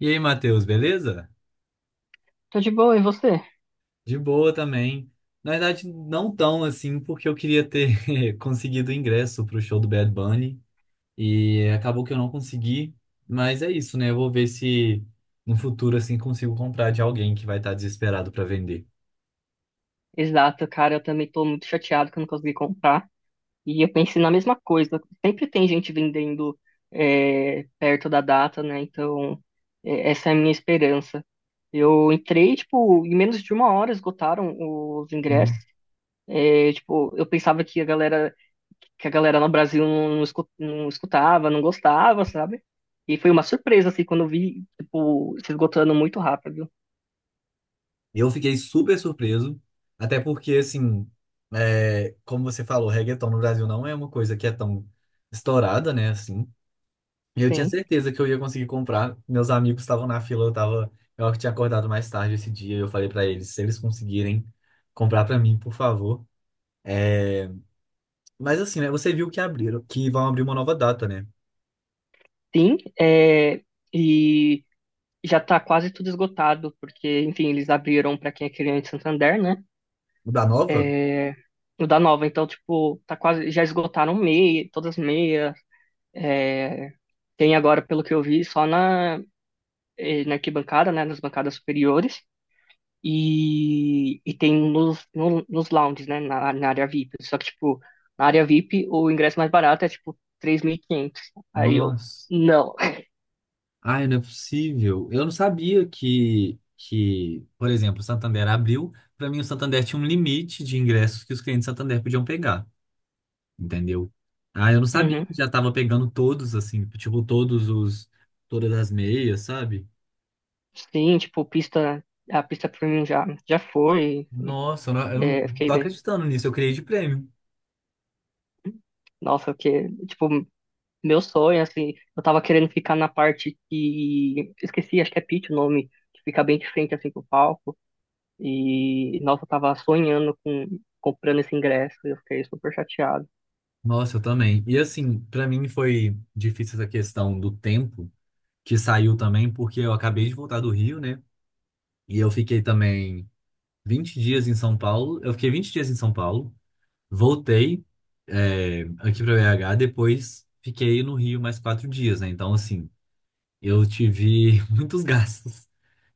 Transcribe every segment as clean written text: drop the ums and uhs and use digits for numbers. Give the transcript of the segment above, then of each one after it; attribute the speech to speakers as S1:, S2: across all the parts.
S1: E aí, Matheus, beleza?
S2: Tô de boa, e você?
S1: De boa também. Na verdade, não tão assim, porque eu queria ter conseguido ingresso pro show do Bad Bunny e acabou que eu não consegui. Mas é isso, né? Eu vou ver se no futuro assim consigo comprar de alguém que vai estar desesperado para vender.
S2: Exato, cara, eu também tô muito chateado que eu não consegui comprar. E eu pensei na mesma coisa. Sempre tem gente vendendo perto da data, né? Então, essa é a minha esperança. Eu entrei, tipo, em menos de uma hora esgotaram os ingressos.
S1: Sim.
S2: É, tipo, eu pensava que a galera no Brasil não, não escutava, não gostava, sabe? E foi uma surpresa, assim, quando eu vi, tipo, se esgotando muito rápido.
S1: Eu fiquei super surpreso, até porque assim, é, como você falou, reggaeton no Brasil não é uma coisa que é tão estourada, né? Assim. Eu tinha
S2: Sim,
S1: certeza que eu ia conseguir comprar. Meus amigos estavam na fila, eu tava, eu acho que tinha acordado mais tarde esse dia. Eu falei pra eles, se eles conseguirem comprar pra mim, por favor. É, mas assim, né? Você viu que abriram, que vão abrir uma nova data, né?
S2: sim. E já tá quase tudo esgotado, porque, enfim, eles abriram para quem é cliente Santander, né?
S1: Da nova?
S2: É, no da Nova, então, tipo, tá quase, já esgotaram meia, todas as meias. É, tem agora, pelo que eu vi, só na na arquibancada, né? Nas bancadas superiores. E tem nos, no- nos lounges, né? Na área VIP. Só que, tipo, na área VIP, o ingresso mais barato é, tipo, 3.500. Aí eu,
S1: Nossa.
S2: não.
S1: Ai, não é possível. Eu não sabia que, por exemplo, o Santander abriu. Pra mim, o Santander tinha um limite de ingressos que os clientes do Santander podiam pegar. Entendeu? Ah, eu não sabia
S2: Uhum.
S1: que já tava pegando todos, assim, tipo, todos os, todas as meias, sabe?
S2: Sim, tipo, a pista premium já foi.
S1: Nossa, eu não, eu
S2: É,
S1: não
S2: fiquei
S1: tô
S2: bem.
S1: acreditando nisso, eu criei de prêmio.
S2: Nossa, que, tipo, meu sonho, assim, eu tava querendo ficar na parte que, esqueci, acho que é pit o nome, que fica bem de frente, assim, pro palco, e, nossa, eu tava sonhando com, comprando esse ingresso, e eu fiquei super chateado.
S1: Nossa, eu também. E assim, pra mim foi difícil essa questão do tempo que saiu também, porque eu acabei de voltar do Rio, né? E eu fiquei também 20 dias em São Paulo. Eu fiquei 20 dias em São Paulo, voltei, é, aqui pra BH, depois fiquei no Rio mais 4 dias, né? Então, assim, eu tive muitos gastos.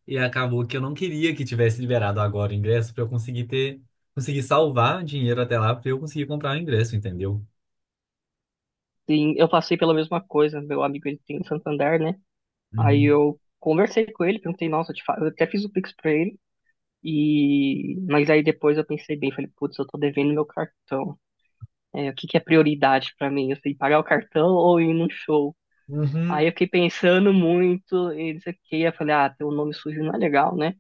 S1: E acabou que eu não queria que tivesse liberado agora o ingresso para eu conseguir ter, conseguir salvar dinheiro até lá para eu conseguir comprar o ingresso, entendeu?
S2: Sim, eu passei pela mesma coisa, meu amigo, ele tem em Santander, né, aí
S1: Uhum.
S2: eu conversei com ele, perguntei, nossa, eu até fiz o Pix pra ele, e, mas aí depois eu pensei bem, falei, putz, eu tô devendo meu cartão, o que que é prioridade pra mim, assim, pagar o cartão ou ir num show?
S1: Uhum.
S2: Aí eu fiquei pensando muito e não sei o que. Eu falei, ah, ter um nome sujo não é legal, né?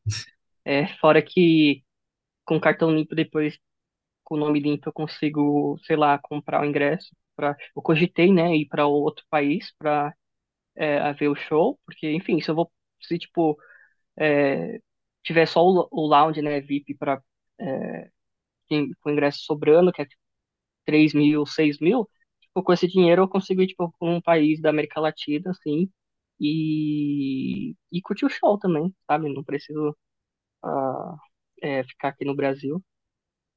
S2: É, fora que com cartão limpo depois, com o nome limpo, eu consigo, sei lá, comprar o ingresso. Pra... Eu cogitei, né, ir para outro país para ver o show, porque, enfim, se eu vou, se é, tiver só o lounge, né, VIP, para com ingresso sobrando, que é 3.000, 6.000, tipo, com esse dinheiro eu consigo ir, tipo, pra um país da América Latina, assim, e curtir o show também, sabe? Não preciso ah, ficar aqui no Brasil.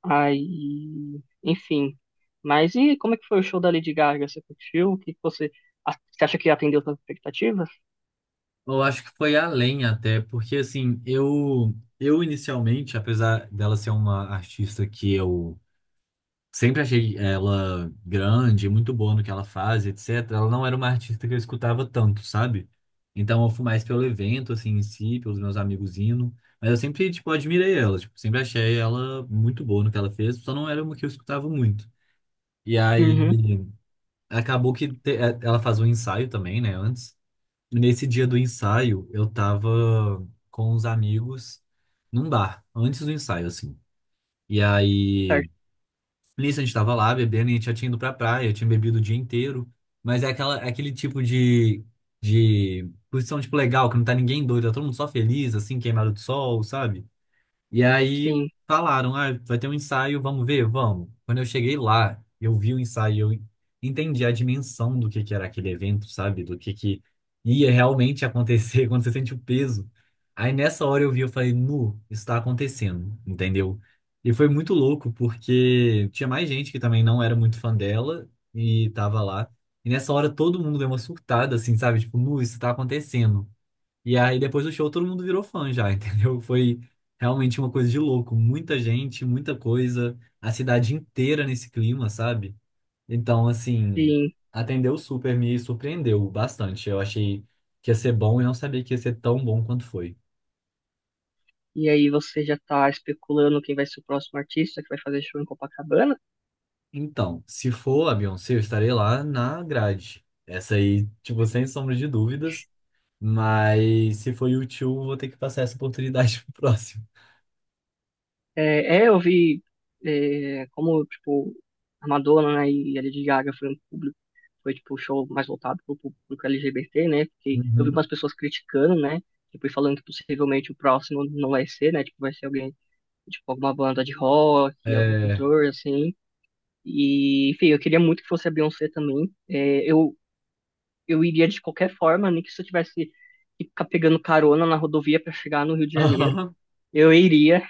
S2: Aí, enfim. Mas e como é que foi o show da Lady Gaga? Você curtiu? O que que você, a- Você acha que atendeu suas expectativas?
S1: Eu acho que foi além até, porque assim, eu inicialmente, apesar dela ser uma artista que eu sempre achei ela grande, muito boa no que ela faz, etc. Ela não era uma artista que eu escutava tanto, sabe? Então eu fui mais pelo evento, assim, em si, pelos meus amigos indo. Mas eu sempre, tipo, admirei ela. Tipo, sempre achei ela muito boa no que ela fez, só não era uma que eu escutava muito. E aí
S2: Uhum,
S1: acabou que é, ela faz um ensaio também, né, antes. E nesse dia do ensaio, eu tava com os amigos num bar, antes do ensaio, assim. E aí.
S2: certo.
S1: Nisso a gente tava lá bebendo e a gente já tinha ido pra praia, tinha bebido o dia inteiro. Mas é é aquele tipo de posição, tipo, legal, que não tá ninguém doido, tá todo mundo só feliz, assim, queimado de sol, sabe? E aí
S2: Sim,
S1: falaram, ah, vai ter um ensaio, vamos ver, vamos. Quando eu cheguei lá, eu vi o ensaio, eu entendi a dimensão do que era aquele evento, sabe? Do que ia realmente acontecer quando você sente o peso. Aí nessa hora eu vi, eu falei, nu, isso tá acontecendo, entendeu? E foi muito louco, porque tinha mais gente que também não era muito fã dela e tava lá. E nessa hora todo mundo deu uma surtada, assim, sabe? Tipo, nu, isso tá acontecendo. E aí, depois do show, todo mundo virou fã já, entendeu? Foi realmente uma coisa de louco. Muita gente, muita coisa, a cidade inteira nesse clima, sabe? Então, assim,
S2: sim.
S1: atendeu super, me surpreendeu bastante. Eu achei que ia ser bom e não sabia que ia ser tão bom quanto foi.
S2: E aí você já tá especulando quem vai ser o próximo artista que vai fazer show em Copacabana?
S1: Então, se for a Beyoncé, eu estarei lá na grade. Essa aí, tipo, sem sombra de dúvidas. Mas se for U2, vou ter que passar essa oportunidade pro próximo.
S2: É, é, eu vi como, tipo, a Madonna, né, e a Lady Gaga foi um público, foi, tipo, o show mais voltado pro público LGBT, né, porque eu vi
S1: Uhum.
S2: umas pessoas criticando, né, depois falando que possivelmente o próximo não vai ser, né, tipo, vai ser alguém, tipo, alguma banda de rock, algum
S1: É.
S2: cantor, assim, e, enfim, eu queria muito que fosse a Beyoncé também. Eu iria de qualquer forma, nem que se eu tivesse que ficar pegando carona na rodovia para chegar no Rio de Janeiro,
S1: Aham.
S2: eu iria,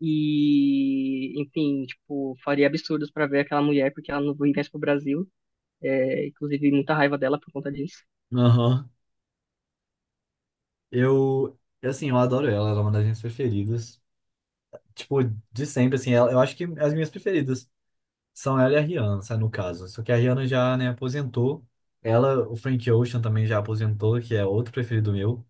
S2: e, enfim, tipo, faria absurdos pra ver aquela mulher, porque ela não viesse pro Brasil. É, inclusive, muita raiva dela por conta disso.
S1: Aham. Eu, assim, eu adoro ela, ela é uma das minhas preferidas. Tipo, de sempre, assim, ela, eu acho que as minhas preferidas são ela e a Rihanna, sabe, no caso. Só que a Rihanna já, né, aposentou. Ela, o Frank Ocean também já aposentou, que é outro preferido meu.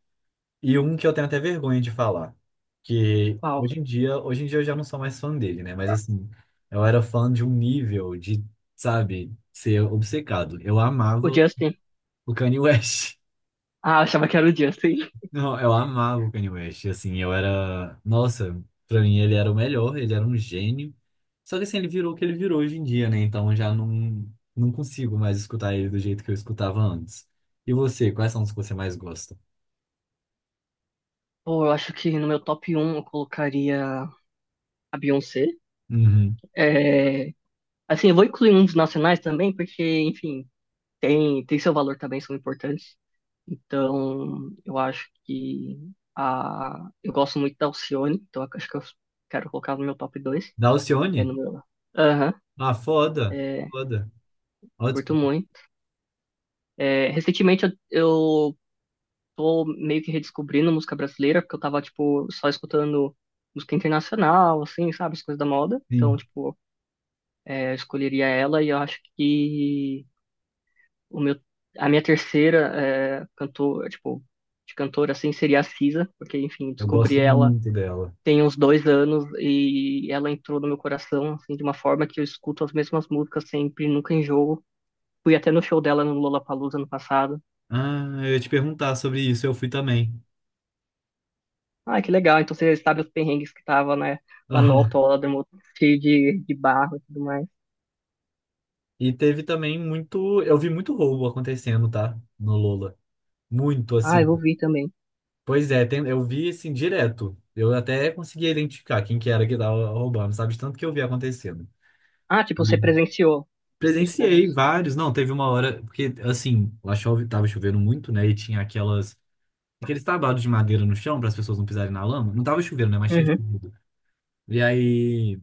S1: E um que eu tenho até vergonha de falar, que
S2: Uau.
S1: hoje em dia eu já não sou mais fã dele, né? Mas assim, eu era fã de um nível de, sabe, ser obcecado. Eu
S2: O
S1: amava
S2: Justin.
S1: o Kanye West.
S2: Ah, eu achava que era o Justin.
S1: Não, eu amava o Kanye West, assim, eu era... Nossa, pra mim ele era o melhor, ele era um gênio. Só que assim, ele virou o que ele virou hoje em dia, né? Então eu já não, não consigo mais escutar ele do jeito que eu escutava antes. E você, quais são os que você mais gosta?
S2: Pô, eu acho que no meu top 1 eu colocaria a Beyoncé.
S1: Uhum.
S2: É, assim, eu vou incluir uns nacionais também, porque, enfim, tem, tem seu valor também, são importantes. Então, eu acho que a, eu gosto muito da Alcione, então eu acho que eu quero colocar no meu top 2.
S1: Da
S2: É
S1: Alcione?
S2: no meu. Aham.
S1: Ah, foda,
S2: é,
S1: foda. Ó,
S2: Curto
S1: desculpa.
S2: muito. É, recentemente eu tô meio que redescobrindo música brasileira, porque eu tava, tipo, só escutando música internacional, assim, sabe, as coisas da moda.
S1: Sim,
S2: Então, tipo, é, eu escolheria ela e eu acho que o meu, a minha terceira de cantora, assim, seria a Cisa, porque, enfim,
S1: eu
S2: descobri
S1: gosto
S2: ela
S1: muito dela.
S2: tem uns 2 anos e ela entrou no meu coração, assim, de uma forma que eu escuto as mesmas músicas sempre, nunca enjoo. Fui até no show dela no Lollapalooza ano passado.
S1: Ah, eu ia te perguntar sobre isso, eu fui também.
S2: Ah, que legal. Então você sabe os perrengues que tava, né, lá no
S1: Aham.
S2: autódromo, cheio de barro e tudo mais.
S1: E teve também muito... Eu vi muito roubo acontecendo, tá? No Lola. Muito,
S2: Ah, eu
S1: assim.
S2: ouvi também.
S1: Pois é, eu vi assim direto. Eu até conseguia identificar quem que era que tava roubando, sabe? De tanto que eu vi acontecendo.
S2: Ah, tipo, você
S1: E
S2: presenciou os roubos.
S1: presenciei vários. Não, teve uma hora, porque assim, lá chove, tava chovendo muito, né? E tinha aquelas, aqueles tabados de madeira no chão para as pessoas não pisarem na lama. Não tava chovendo, né? Mas tinha
S2: Uhum.
S1: chovido. E aí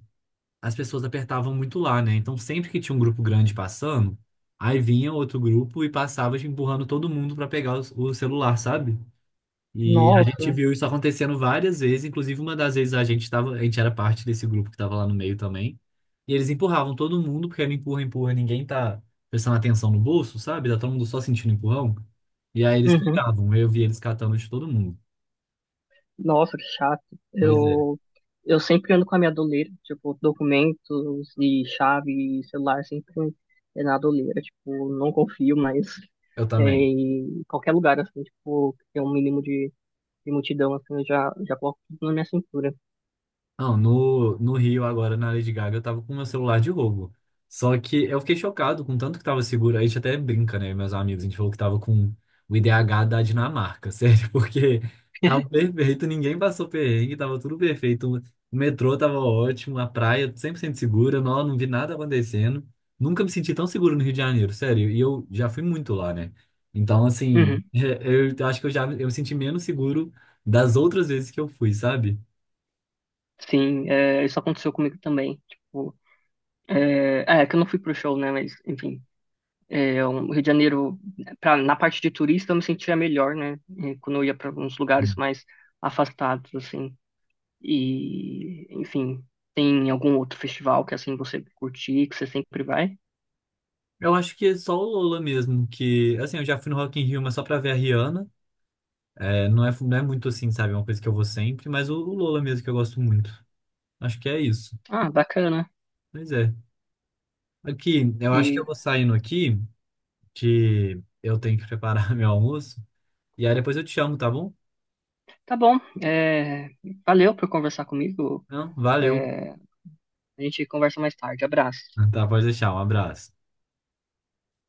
S1: as pessoas apertavam muito lá, né? Então sempre que tinha um grupo grande passando, aí vinha outro grupo e passava tipo, empurrando todo mundo para pegar o celular, sabe? E a gente
S2: Nossa.
S1: viu isso acontecendo várias vezes, inclusive uma das vezes a gente tava, a gente era parte desse grupo que estava lá no meio também. E eles empurravam todo mundo, porque era empurra, empurra, ninguém tá prestando atenção no bolso, sabe? Tá todo mundo só sentindo empurrão. E aí eles
S2: Uhum.
S1: pegavam, eu vi eles catando de todo mundo.
S2: Nossa, que chato.
S1: Pois é,
S2: Eu, eu sempre ando com a minha doleira, tipo, documentos e chave e celular sempre na doleira. Tipo, não confio mais
S1: eu também.
S2: em qualquer lugar, assim, tipo, que tem um mínimo de multidão, assim, já coloco tudo na minha cintura.
S1: Não, no Rio, agora na Lady Gaga, eu tava com meu celular de roubo. Só que eu fiquei chocado com o tanto que tava seguro. A gente até brinca, né, meus amigos? A gente falou que tava com o IDH da Dinamarca, sério, porque tava perfeito, ninguém passou perrengue, tava tudo perfeito. O metrô tava ótimo, a praia 100% segura, não, não vi nada acontecendo. Nunca me senti tão seguro no Rio de Janeiro, sério. E eu já fui muito lá, né? Então, assim,
S2: Uhum.
S1: eu acho que eu me senti menos seguro das outras vezes que eu fui, sabe?
S2: Sim, é, isso aconteceu comigo também. Tipo, é que eu não fui pro show, né? Mas, enfim, é, o Rio de Janeiro, pra, na parte de turista, eu me sentia melhor, né? Quando eu ia para uns lugares mais afastados, assim. E, enfim, tem algum outro festival que, assim, você curtir, que você sempre vai?
S1: Eu acho que é só o Lola mesmo, que, assim, eu já fui no Rock in Rio, mas só pra ver a Rihanna. É, não é muito assim, sabe? É uma coisa que eu vou sempre, mas o Lola mesmo que eu gosto muito. Acho que é isso.
S2: Ah, bacana.
S1: Pois é. Aqui, eu acho que
S2: E
S1: eu vou saindo aqui, que eu tenho que preparar meu almoço. E aí depois eu te chamo, tá bom?
S2: tá bom. é, Valeu por conversar comigo.
S1: Não, valeu.
S2: É, a gente conversa mais tarde. Abraço.
S1: Tá, pode deixar. Um abraço.